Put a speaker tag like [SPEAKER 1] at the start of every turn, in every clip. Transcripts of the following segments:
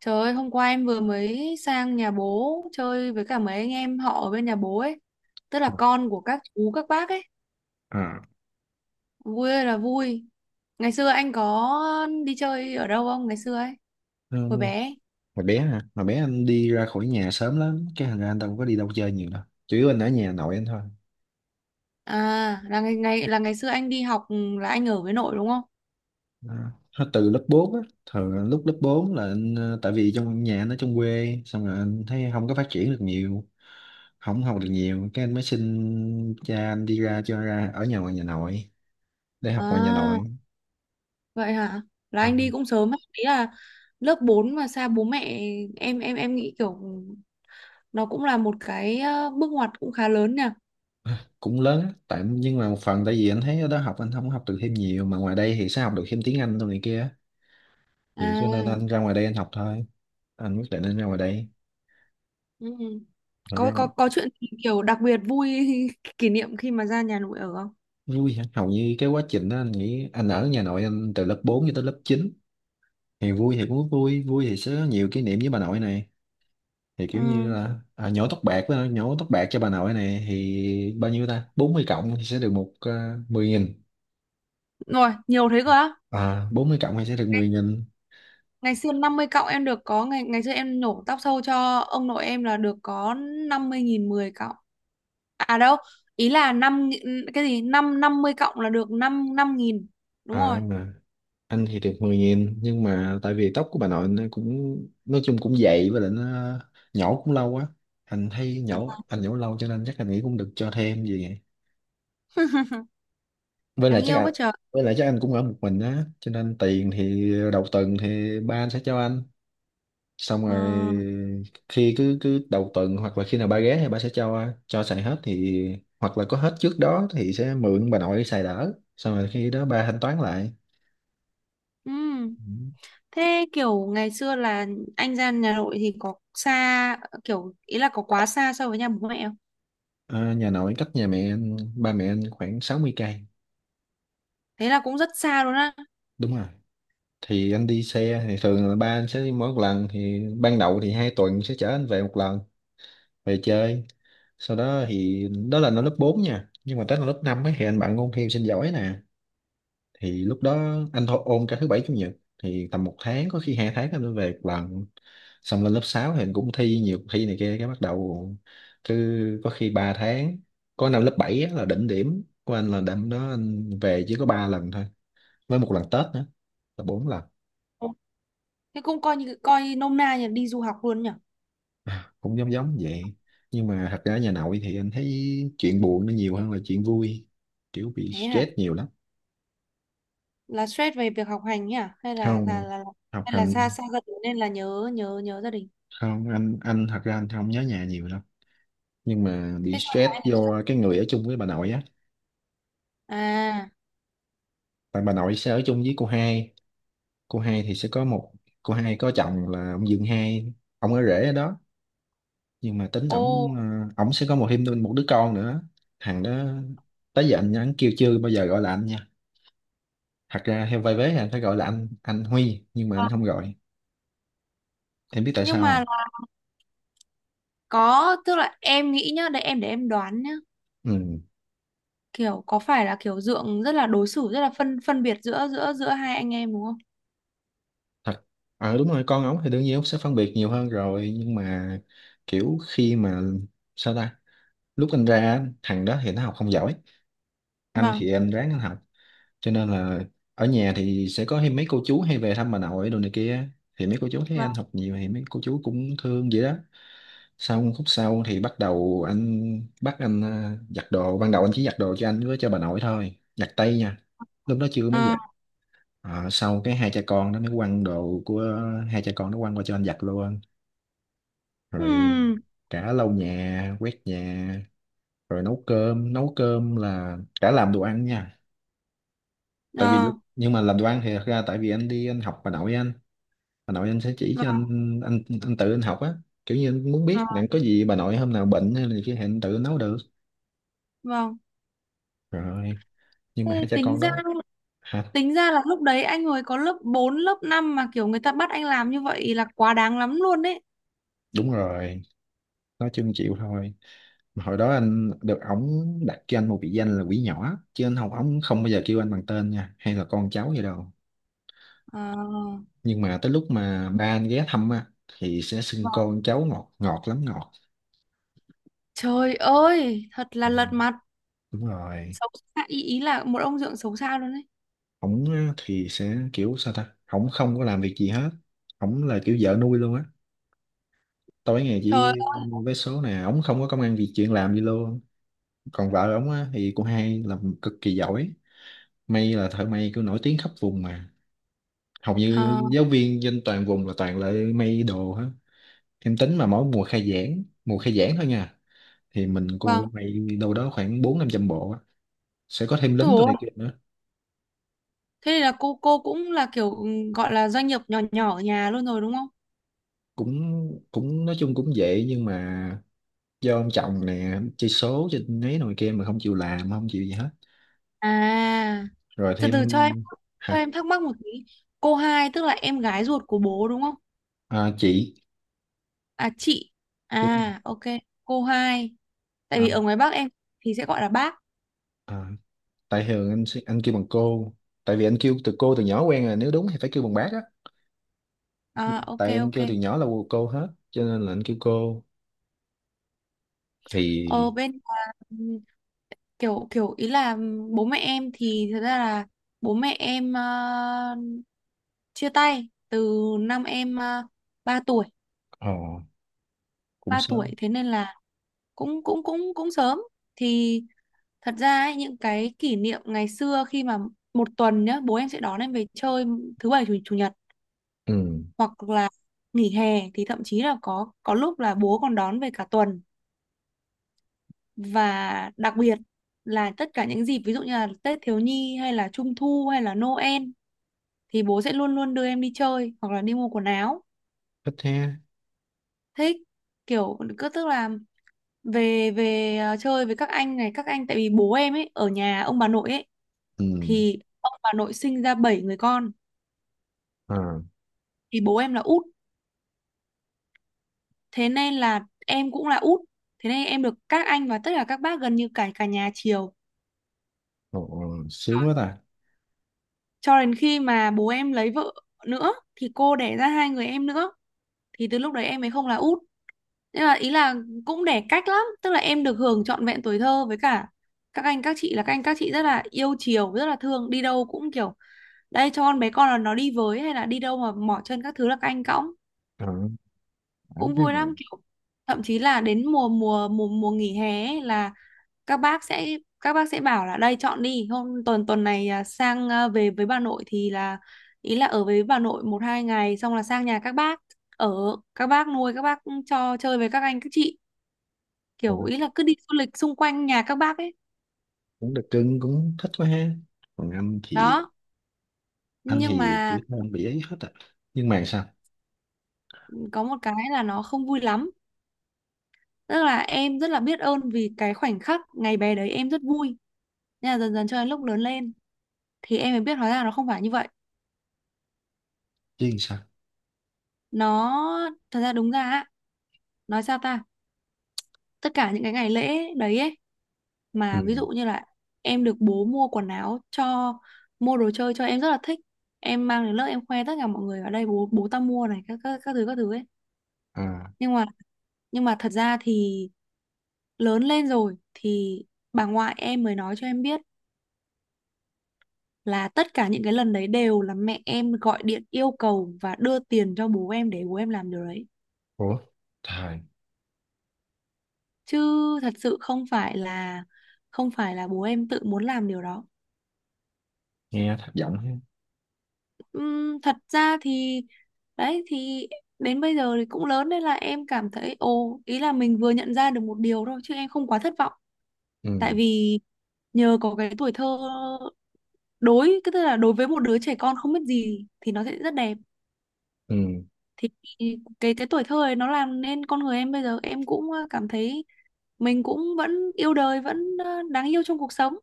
[SPEAKER 1] Trời ơi, hôm qua em vừa mới sang nhà bố chơi với cả mấy anh em họ ở bên nhà bố ấy. Tức là con của các chú, các bác ấy.
[SPEAKER 2] À,
[SPEAKER 1] Vui ơi là vui. Ngày xưa anh có đi chơi ở đâu không? Ngày xưa ấy,
[SPEAKER 2] ừ.
[SPEAKER 1] hồi bé. Ấy.
[SPEAKER 2] Hồi bé hả? Hồi bé anh đi ra khỏi nhà sớm lắm, cái thành ra anh không có đi đâu chơi nhiều đâu, chủ yếu anh ở nhà nội anh thôi.
[SPEAKER 1] À, là ngày xưa anh đi học là anh ở với nội đúng không?
[SPEAKER 2] À. Từ lớp 4 á, thường lúc lớp 4 là tại vì trong nhà anh ở trong quê, xong rồi anh thấy không có phát triển được nhiều, không học được nhiều, cái anh mới xin cha anh đi ra, cho ra ở nhà ngoài nhà nội, để học ngoài nhà
[SPEAKER 1] À,
[SPEAKER 2] nội.
[SPEAKER 1] vậy hả? Là
[SPEAKER 2] À.
[SPEAKER 1] anh đi cũng sớm ấy. Ý là lớp 4 mà xa bố mẹ, em nghĩ kiểu nó cũng là một cái bước ngoặt cũng khá lớn nhỉ.
[SPEAKER 2] Cũng lớn á, tại nhưng mà một phần tại vì anh thấy ở đó học anh không học được thêm nhiều, mà ngoài đây thì sẽ học được thêm tiếng Anh đâu này kia, vậy cho nên
[SPEAKER 1] À.
[SPEAKER 2] anh ra ngoài đây anh học thôi, anh quyết định anh ra ngoài đây
[SPEAKER 1] Ừ.
[SPEAKER 2] mà
[SPEAKER 1] Có
[SPEAKER 2] ra
[SPEAKER 1] có
[SPEAKER 2] ngoài...
[SPEAKER 1] có chuyện gì kiểu đặc biệt vui kỷ niệm khi mà ra nhà nội ở không?
[SPEAKER 2] Vui hả? Hầu như cái quá trình đó anh nghĩ anh ở nhà nội anh từ lớp 4 cho tới lớp chín, thì vui thì cũng vui, vui thì sẽ có nhiều kỷ niệm với bà nội này, thì kiểu
[SPEAKER 1] Ừ.
[SPEAKER 2] như là nhổ tóc bạc với nhổ tóc bạc cho bà nội này, thì bao nhiêu ta, 40 cộng thì sẽ được một 10 nghìn.
[SPEAKER 1] Rồi, nhiều thế cơ á.
[SPEAKER 2] À, 40 cộng thì sẽ được 10.000.
[SPEAKER 1] Ngày xưa 50 cọng em được có ngày, ngày xưa em nhổ tóc sâu cho ông nội em là được có 50 nghìn 10 cọng. À đâu, ý là năm cái gì? Năm năm mươi cọng là được 5 5 nghìn. Đúng rồi.
[SPEAKER 2] À, anh thì được 10.000, nhưng mà tại vì tóc của bà nội nó cũng nói chung cũng dày, với lại nó nhổ cũng lâu quá, anh thấy nhổ anh nhổ lâu cho nên chắc anh nghĩ cũng được cho thêm gì vậy. với lại
[SPEAKER 1] Đáng
[SPEAKER 2] chắc
[SPEAKER 1] yêu
[SPEAKER 2] à,
[SPEAKER 1] quá trời.
[SPEAKER 2] với lại chắc anh cũng ở một mình á, cho nên tiền thì đầu tuần thì ba anh sẽ cho anh, xong
[SPEAKER 1] Ờ.
[SPEAKER 2] rồi khi cứ cứ đầu tuần hoặc là khi nào ba ghé thì ba sẽ cho xài, hết thì hoặc là có hết trước đó thì sẽ mượn bà nội xài đỡ, xong rồi khi đó ba thanh toán lại.
[SPEAKER 1] Ừ.
[SPEAKER 2] Ừ.
[SPEAKER 1] Thế kiểu ngày xưa là anh ra nhà nội thì có xa, kiểu ý là có quá xa so với nhà bố mẹ?
[SPEAKER 2] Ờ, nhà nội cách nhà mẹ anh, ba mẹ anh khoảng 60 cây.
[SPEAKER 1] Thế là cũng rất xa luôn á.
[SPEAKER 2] Đúng rồi. Thì anh đi xe thì thường là ba anh sẽ đi, mỗi một lần thì ban đầu thì hai tuần sẽ chở anh về một lần, về chơi. Sau đó thì đó là nó lớp 4 nha. Nhưng mà tới là lớp 5 ấy, thì anh bạn ôn thi sinh giỏi nè. Thì lúc đó anh thôi ôn cả thứ bảy chủ nhật, thì tầm một tháng có khi hai tháng anh mới về một lần. Xong lên lớp 6 thì anh cũng thi nhiều cuộc thi này kia, cái bắt đầu cứ có khi 3 tháng. Có năm lớp 7 á là đỉnh điểm của anh, là đêm đó anh về chỉ có 3 lần thôi với một lần Tết nữa là bốn lần.
[SPEAKER 1] Ừ. Thế cũng coi như, coi nôm na như là đi du học luôn nhỉ.
[SPEAKER 2] Cũng giống giống vậy, nhưng mà thật ra nhà nội thì anh thấy chuyện buồn nó nhiều hơn là chuyện vui, kiểu bị
[SPEAKER 1] Thế hả?
[SPEAKER 2] stress nhiều lắm.
[SPEAKER 1] Là stress về việc học hành nhỉ, hay là là
[SPEAKER 2] Không.
[SPEAKER 1] là
[SPEAKER 2] Học
[SPEAKER 1] hay là
[SPEAKER 2] hành.
[SPEAKER 1] xa xa gia đình nên là nhớ nhớ nhớ gia đình?
[SPEAKER 2] Không, anh thật ra anh không nhớ nhà nhiều đâu, nhưng mà bị
[SPEAKER 1] Thế sao mà
[SPEAKER 2] stress
[SPEAKER 1] em lại,
[SPEAKER 2] do cái người ở chung với bà nội á.
[SPEAKER 1] à,
[SPEAKER 2] Tại bà nội sẽ ở chung với cô hai, cô hai thì sẽ có một, cô hai có chồng là ông Dương hai, ông ở rể ở đó, nhưng mà tính
[SPEAKER 1] ô,
[SPEAKER 2] ổng sẽ có một thêm một đứa con nữa. Thằng đó tới giờ anh, kêu chưa bao giờ gọi là anh nha, thật ra theo vai vế thì anh phải gọi là anh Huy, nhưng mà anh
[SPEAKER 1] à,
[SPEAKER 2] không gọi. Em biết tại sao
[SPEAKER 1] nhưng mà
[SPEAKER 2] không?
[SPEAKER 1] là, có, tức là em nghĩ nhá, để em đoán nhá,
[SPEAKER 2] Ừ.
[SPEAKER 1] kiểu có phải là kiểu dượng rất là đối xử rất là phân phân biệt giữa giữa giữa hai anh em đúng không?
[SPEAKER 2] thật ờ đúng rồi, con ống thì đương nhiên ống sẽ phân biệt nhiều hơn rồi, nhưng mà kiểu khi mà sao ta, lúc anh ra á, thằng đó thì nó học không giỏi, anh
[SPEAKER 1] Vâng.
[SPEAKER 2] thì em ráng anh học, cho nên là ở nhà thì sẽ có hay mấy cô chú hay về thăm bà nội đồ này kia, thì mấy cô chú thấy
[SPEAKER 1] Vâng.
[SPEAKER 2] anh học nhiều thì mấy cô chú cũng thương vậy đó. Sau khúc sau thì bắt đầu anh bắt giặt đồ, ban đầu anh chỉ giặt đồ cho anh với cho bà nội thôi, giặt tay nha, lúc đó chưa mới
[SPEAKER 1] Ờ.
[SPEAKER 2] giặt. Ờ, sau cái hai cha con nó mới quăng đồ của hai cha con nó, quăng qua cho anh giặt luôn, rồi
[SPEAKER 1] Ừm.
[SPEAKER 2] cả lau nhà quét nhà, rồi nấu cơm, nấu cơm là cả làm đồ ăn nha. Tại vì
[SPEAKER 1] Ờ.
[SPEAKER 2] lúc nhưng mà làm đoan thì thật ra tại vì anh đi anh học bà nội anh sẽ chỉ
[SPEAKER 1] Vâng.
[SPEAKER 2] cho anh, anh tự anh học á, kiểu như anh muốn
[SPEAKER 1] Ờ,
[SPEAKER 2] biết rằng có gì bà nội hôm nào bệnh hay là gì kia thì anh tự nấu được.
[SPEAKER 1] vâng.
[SPEAKER 2] Rồi, nhưng
[SPEAKER 1] Thế
[SPEAKER 2] mà hai cha
[SPEAKER 1] tính
[SPEAKER 2] con
[SPEAKER 1] ra,
[SPEAKER 2] đó... Hả?
[SPEAKER 1] tính ra là lúc đấy anh hồi có lớp 4 lớp 5 mà kiểu người ta bắt anh làm như vậy là quá đáng lắm luôn đấy.
[SPEAKER 2] Đúng rồi, nói chung chịu thôi. Mà hồi đó anh được ổng đặt cho anh một biệt danh là quỷ nhỏ, chứ anh học ổng không bao giờ kêu anh bằng tên nha, hay là con cháu gì đâu,
[SPEAKER 1] À,
[SPEAKER 2] nhưng mà tới lúc mà ba anh ghé thăm á thì sẽ xưng
[SPEAKER 1] vâng.
[SPEAKER 2] con cháu ngọt, ngọt lắm ngọt.
[SPEAKER 1] Trời ơi, thật là
[SPEAKER 2] Ừ,
[SPEAKER 1] lật mặt.
[SPEAKER 2] đúng rồi.
[SPEAKER 1] Xấu xa, ý là một ông dượng xấu xa luôn đấy.
[SPEAKER 2] Ổng á thì sẽ kiểu sao ta, ổng không có làm việc gì hết, ổng là kiểu vợ nuôi luôn á, tối ngày
[SPEAKER 1] Trời
[SPEAKER 2] chỉ
[SPEAKER 1] ơi,
[SPEAKER 2] vé số nè, ổng không có công ăn việc chuyện làm gì luôn. Còn vợ ổng á thì cô hai làm cực kỳ giỏi, may là thợ may kiểu nổi tiếng khắp vùng mà, hầu như
[SPEAKER 1] à,
[SPEAKER 2] giáo viên trên toàn vùng là toàn là may đồ hết. Em tính mà mỗi mùa khai giảng, mùa khai giảng thôi nha, thì mình
[SPEAKER 1] vâng.
[SPEAKER 2] cô may đâu đó khoảng bốn năm trăm bộ á, sẽ có thêm lính tụi
[SPEAKER 1] Ủa,
[SPEAKER 2] này kia nữa.
[SPEAKER 1] thế thì là cô cũng là kiểu gọi là doanh nghiệp nhỏ nhỏ ở nhà luôn rồi đúng không?
[SPEAKER 2] Cũng cũng nói chung cũng dễ, nhưng mà do ông chồng nè chơi số chơi nấy nồi kia mà không chịu làm không chịu gì hết.
[SPEAKER 1] À,
[SPEAKER 2] Rồi
[SPEAKER 1] từ
[SPEAKER 2] thêm...
[SPEAKER 1] từ cho em, cho
[SPEAKER 2] Hả?
[SPEAKER 1] em thắc mắc một tí. Cô hai tức là em gái ruột của bố đúng không?
[SPEAKER 2] À, chị.
[SPEAKER 1] À chị.
[SPEAKER 2] Đúng rồi.
[SPEAKER 1] À ok, cô hai. Tại
[SPEAKER 2] à,
[SPEAKER 1] vì ở ngoài Bắc em thì sẽ gọi là bác.
[SPEAKER 2] à, tại thường anh kêu bằng cô, tại vì anh kêu từ cô từ nhỏ quen rồi, nếu đúng thì phải kêu bằng bác á. Nhưng
[SPEAKER 1] À,
[SPEAKER 2] mà
[SPEAKER 1] ok
[SPEAKER 2] tại anh
[SPEAKER 1] ok.
[SPEAKER 2] kêu từ nhỏ là cô hết cho nên là anh kêu cô.
[SPEAKER 1] Ở
[SPEAKER 2] Thì
[SPEAKER 1] bên là, kiểu kiểu ý là bố mẹ em thì thật ra là bố mẹ em chia tay từ năm em uh, 3 tuổi,
[SPEAKER 2] ờ cũng
[SPEAKER 1] 3 tuổi,
[SPEAKER 2] sớm.
[SPEAKER 1] thế nên là cũng cũng sớm. Thì thật ra ấy, những cái kỷ niệm ngày xưa khi mà một tuần nhá, bố em sẽ đón em về chơi thứ bảy chủ nhật,
[SPEAKER 2] Ừ.
[SPEAKER 1] hoặc là nghỉ hè thì thậm chí là có lúc là bố còn đón về cả tuần. Và đặc biệt là tất cả những dịp ví dụ như là Tết Thiếu Nhi hay là Trung Thu hay là Noel thì bố sẽ luôn luôn đưa em đi chơi hoặc là đi mua quần áo.
[SPEAKER 2] Thích ha.
[SPEAKER 1] Thích, kiểu cứ tức là về về chơi với các anh này, các anh, tại vì bố em ấy ở nhà ông bà nội ấy,
[SPEAKER 2] Ừ.
[SPEAKER 1] thì ông bà nội sinh ra 7 người con,
[SPEAKER 2] À.
[SPEAKER 1] thì bố em là út, thế nên là em cũng là út, thế nên em được các anh và tất cả các bác gần như cả cả nhà chiều,
[SPEAKER 2] Ồ, ồ, sướng quá ta.
[SPEAKER 1] cho đến khi mà bố em lấy vợ nữa thì cô đẻ ra hai người em nữa, thì từ lúc đấy em ấy không là út, nên là ý là cũng để cách lắm, tức là em được hưởng trọn vẹn tuổi thơ với cả các anh các chị, là các anh các chị rất là yêu chiều rất là thương, đi đâu cũng kiểu đây cho con bé con là nó đi với, hay là đi đâu mà mỏ chân các thứ là các anh cõng,
[SPEAKER 2] Ờ. À,
[SPEAKER 1] cũng vui lắm, kiểu thậm chí là đến mùa mùa mùa mùa nghỉ hè ấy là các bác sẽ, các bác sẽ bảo là đây chọn đi hôm, tuần tuần này à, sang, à, về với bà nội thì là ý là ở với bà nội một hai ngày xong là sang nhà các bác ở, các bác nuôi, các bác cho chơi với các anh các chị, kiểu ý là cứ đi du lịch xung quanh nhà các bác ấy.
[SPEAKER 2] cũng được cưng, cũng thích quá ha. Còn anh thì...
[SPEAKER 1] Đó,
[SPEAKER 2] Anh
[SPEAKER 1] nhưng
[SPEAKER 2] thì
[SPEAKER 1] mà
[SPEAKER 2] tuổi thơ anh bị ấy hết à, nhưng mà sao...
[SPEAKER 1] có một cái là nó không vui lắm, tức là em rất là biết ơn vì cái khoảnh khắc ngày bé đấy em rất vui, nhưng mà dần dần cho đến lúc lớn lên thì em mới biết hóa ra nó không phải như vậy.
[SPEAKER 2] Chứ làm sao?
[SPEAKER 1] Nó thật ra đúng ra á, nói sao ta, tất cả những cái ngày lễ đấy ấy,
[SPEAKER 2] Ừ.
[SPEAKER 1] mà ví dụ như là em được bố mua quần áo cho, mua đồ chơi cho, em rất là thích, em mang đến lớp em khoe tất cả mọi người ở đây bố, bố tao mua này, các thứ, các thứ ấy,
[SPEAKER 2] À.
[SPEAKER 1] nhưng mà, thật ra thì lớn lên rồi thì bà ngoại em mới nói cho em biết là tất cả những cái lần đấy đều là mẹ em gọi điện yêu cầu và đưa tiền cho bố em để bố em làm điều đấy,
[SPEAKER 2] Ủa? Trời.
[SPEAKER 1] chứ thật sự không phải là, không phải là bố em tự muốn làm điều đó.
[SPEAKER 2] Nghe thất vọng ha.
[SPEAKER 1] Thật ra thì, đấy thì, đến bây giờ thì cũng lớn nên là em cảm thấy ồ ý là mình vừa nhận ra được một điều thôi chứ em không quá thất vọng,
[SPEAKER 2] Ừ,
[SPEAKER 1] tại vì nhờ có cái tuổi thơ, đối cái tức là đối với một đứa trẻ con không biết gì thì nó sẽ rất đẹp,
[SPEAKER 2] ừ,
[SPEAKER 1] thì cái tuổi thơ ấy nó làm nên con người em bây giờ, em cũng cảm thấy mình cũng vẫn yêu đời, vẫn đáng yêu trong cuộc sống,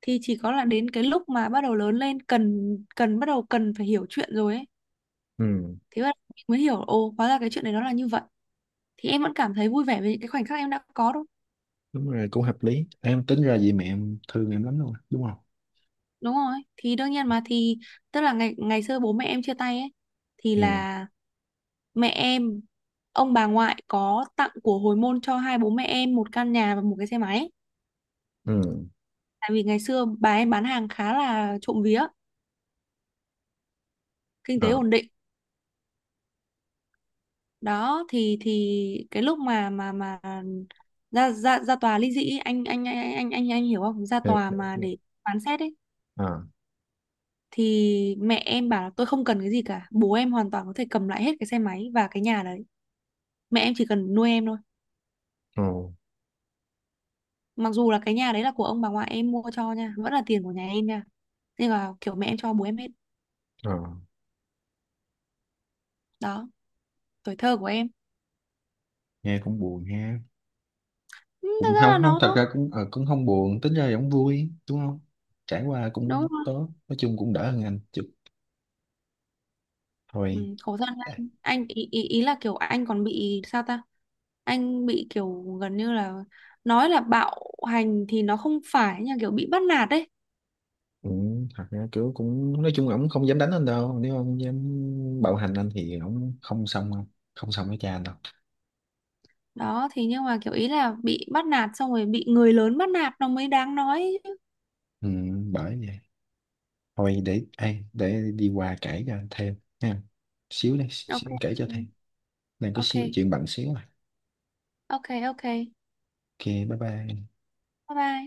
[SPEAKER 1] thì chỉ có là đến cái lúc mà bắt đầu lớn lên cần cần bắt đầu cần phải hiểu chuyện rồi ấy,
[SPEAKER 2] ừ,
[SPEAKER 1] thế mà mình mới hiểu ồ hóa ra cái chuyện này nó là như vậy, thì em vẫn cảm thấy vui vẻ với những cái khoảnh khắc em đã có đâu.
[SPEAKER 2] đúng rồi, cũng hợp lý, em tính ra vì mẹ em thương em lắm luôn á, đúng không?
[SPEAKER 1] Đúng rồi, thì đương nhiên mà, thì tức là ngày ngày xưa bố mẹ em chia tay ấy, thì
[SPEAKER 2] Ừ.
[SPEAKER 1] là mẹ em, ông bà ngoại có tặng của hồi môn cho hai bố mẹ em một căn nhà và một cái xe máy,
[SPEAKER 2] Ừ.
[SPEAKER 1] tại vì ngày xưa bà em bán hàng khá là trộm vía, kinh tế
[SPEAKER 2] À,
[SPEAKER 1] ổn định. Đó thì cái lúc mà ra ra ra tòa ly dị ấy, anh hiểu không, ra tòa
[SPEAKER 2] em...
[SPEAKER 1] mà để phán xét ấy,
[SPEAKER 2] À,
[SPEAKER 1] thì mẹ em bảo là tôi không cần cái gì cả, bố em hoàn toàn có thể cầm lại hết cái xe máy và cái nhà đấy, mẹ em chỉ cần nuôi em thôi,
[SPEAKER 2] ồ.
[SPEAKER 1] mặc dù là cái nhà đấy là của ông bà ngoại em mua cho nha, vẫn là tiền của nhà em nha, nhưng mà kiểu mẹ em cho bố em hết.
[SPEAKER 2] À,
[SPEAKER 1] Đó, tuổi thơ của em.
[SPEAKER 2] nghe cũng buồn ha.
[SPEAKER 1] Ừ, thật
[SPEAKER 2] Cũng
[SPEAKER 1] ra
[SPEAKER 2] không,
[SPEAKER 1] là
[SPEAKER 2] không, thật
[SPEAKER 1] nó,
[SPEAKER 2] ra cũng không buồn, tính ra cũng vui đúng không? Trải qua
[SPEAKER 1] đúng
[SPEAKER 2] cũng
[SPEAKER 1] rồi.
[SPEAKER 2] tốt, nói chung cũng đỡ hơn anh chút.
[SPEAKER 1] Ừ,
[SPEAKER 2] Thôi.
[SPEAKER 1] khổ thân.
[SPEAKER 2] À.
[SPEAKER 1] Anh ý là kiểu anh còn bị sao ta, anh bị kiểu gần như là, nói là bạo hành thì nó không phải nhưng kiểu bị bắt nạt đấy.
[SPEAKER 2] Ừ, thật ra kiểu cũng nói chung là ổng không dám đánh anh đâu, nếu ông dám bạo hành anh thì ổng không xong đâu. Không xong với cha anh đâu.
[SPEAKER 1] Đó thì, nhưng mà kiểu ý là bị bắt nạt xong rồi bị người lớn bắt nạt nó mới đáng nói chứ.
[SPEAKER 2] Ừ, bởi vậy. Thôi để ai để đi qua kể cho anh thêm ha, xíu đây xíu
[SPEAKER 1] ok
[SPEAKER 2] anh kể cho thêm, đang có
[SPEAKER 1] ok
[SPEAKER 2] xíu chuyện bận xíu mà.
[SPEAKER 1] ok ok.
[SPEAKER 2] OK bye bye.
[SPEAKER 1] Bye bye.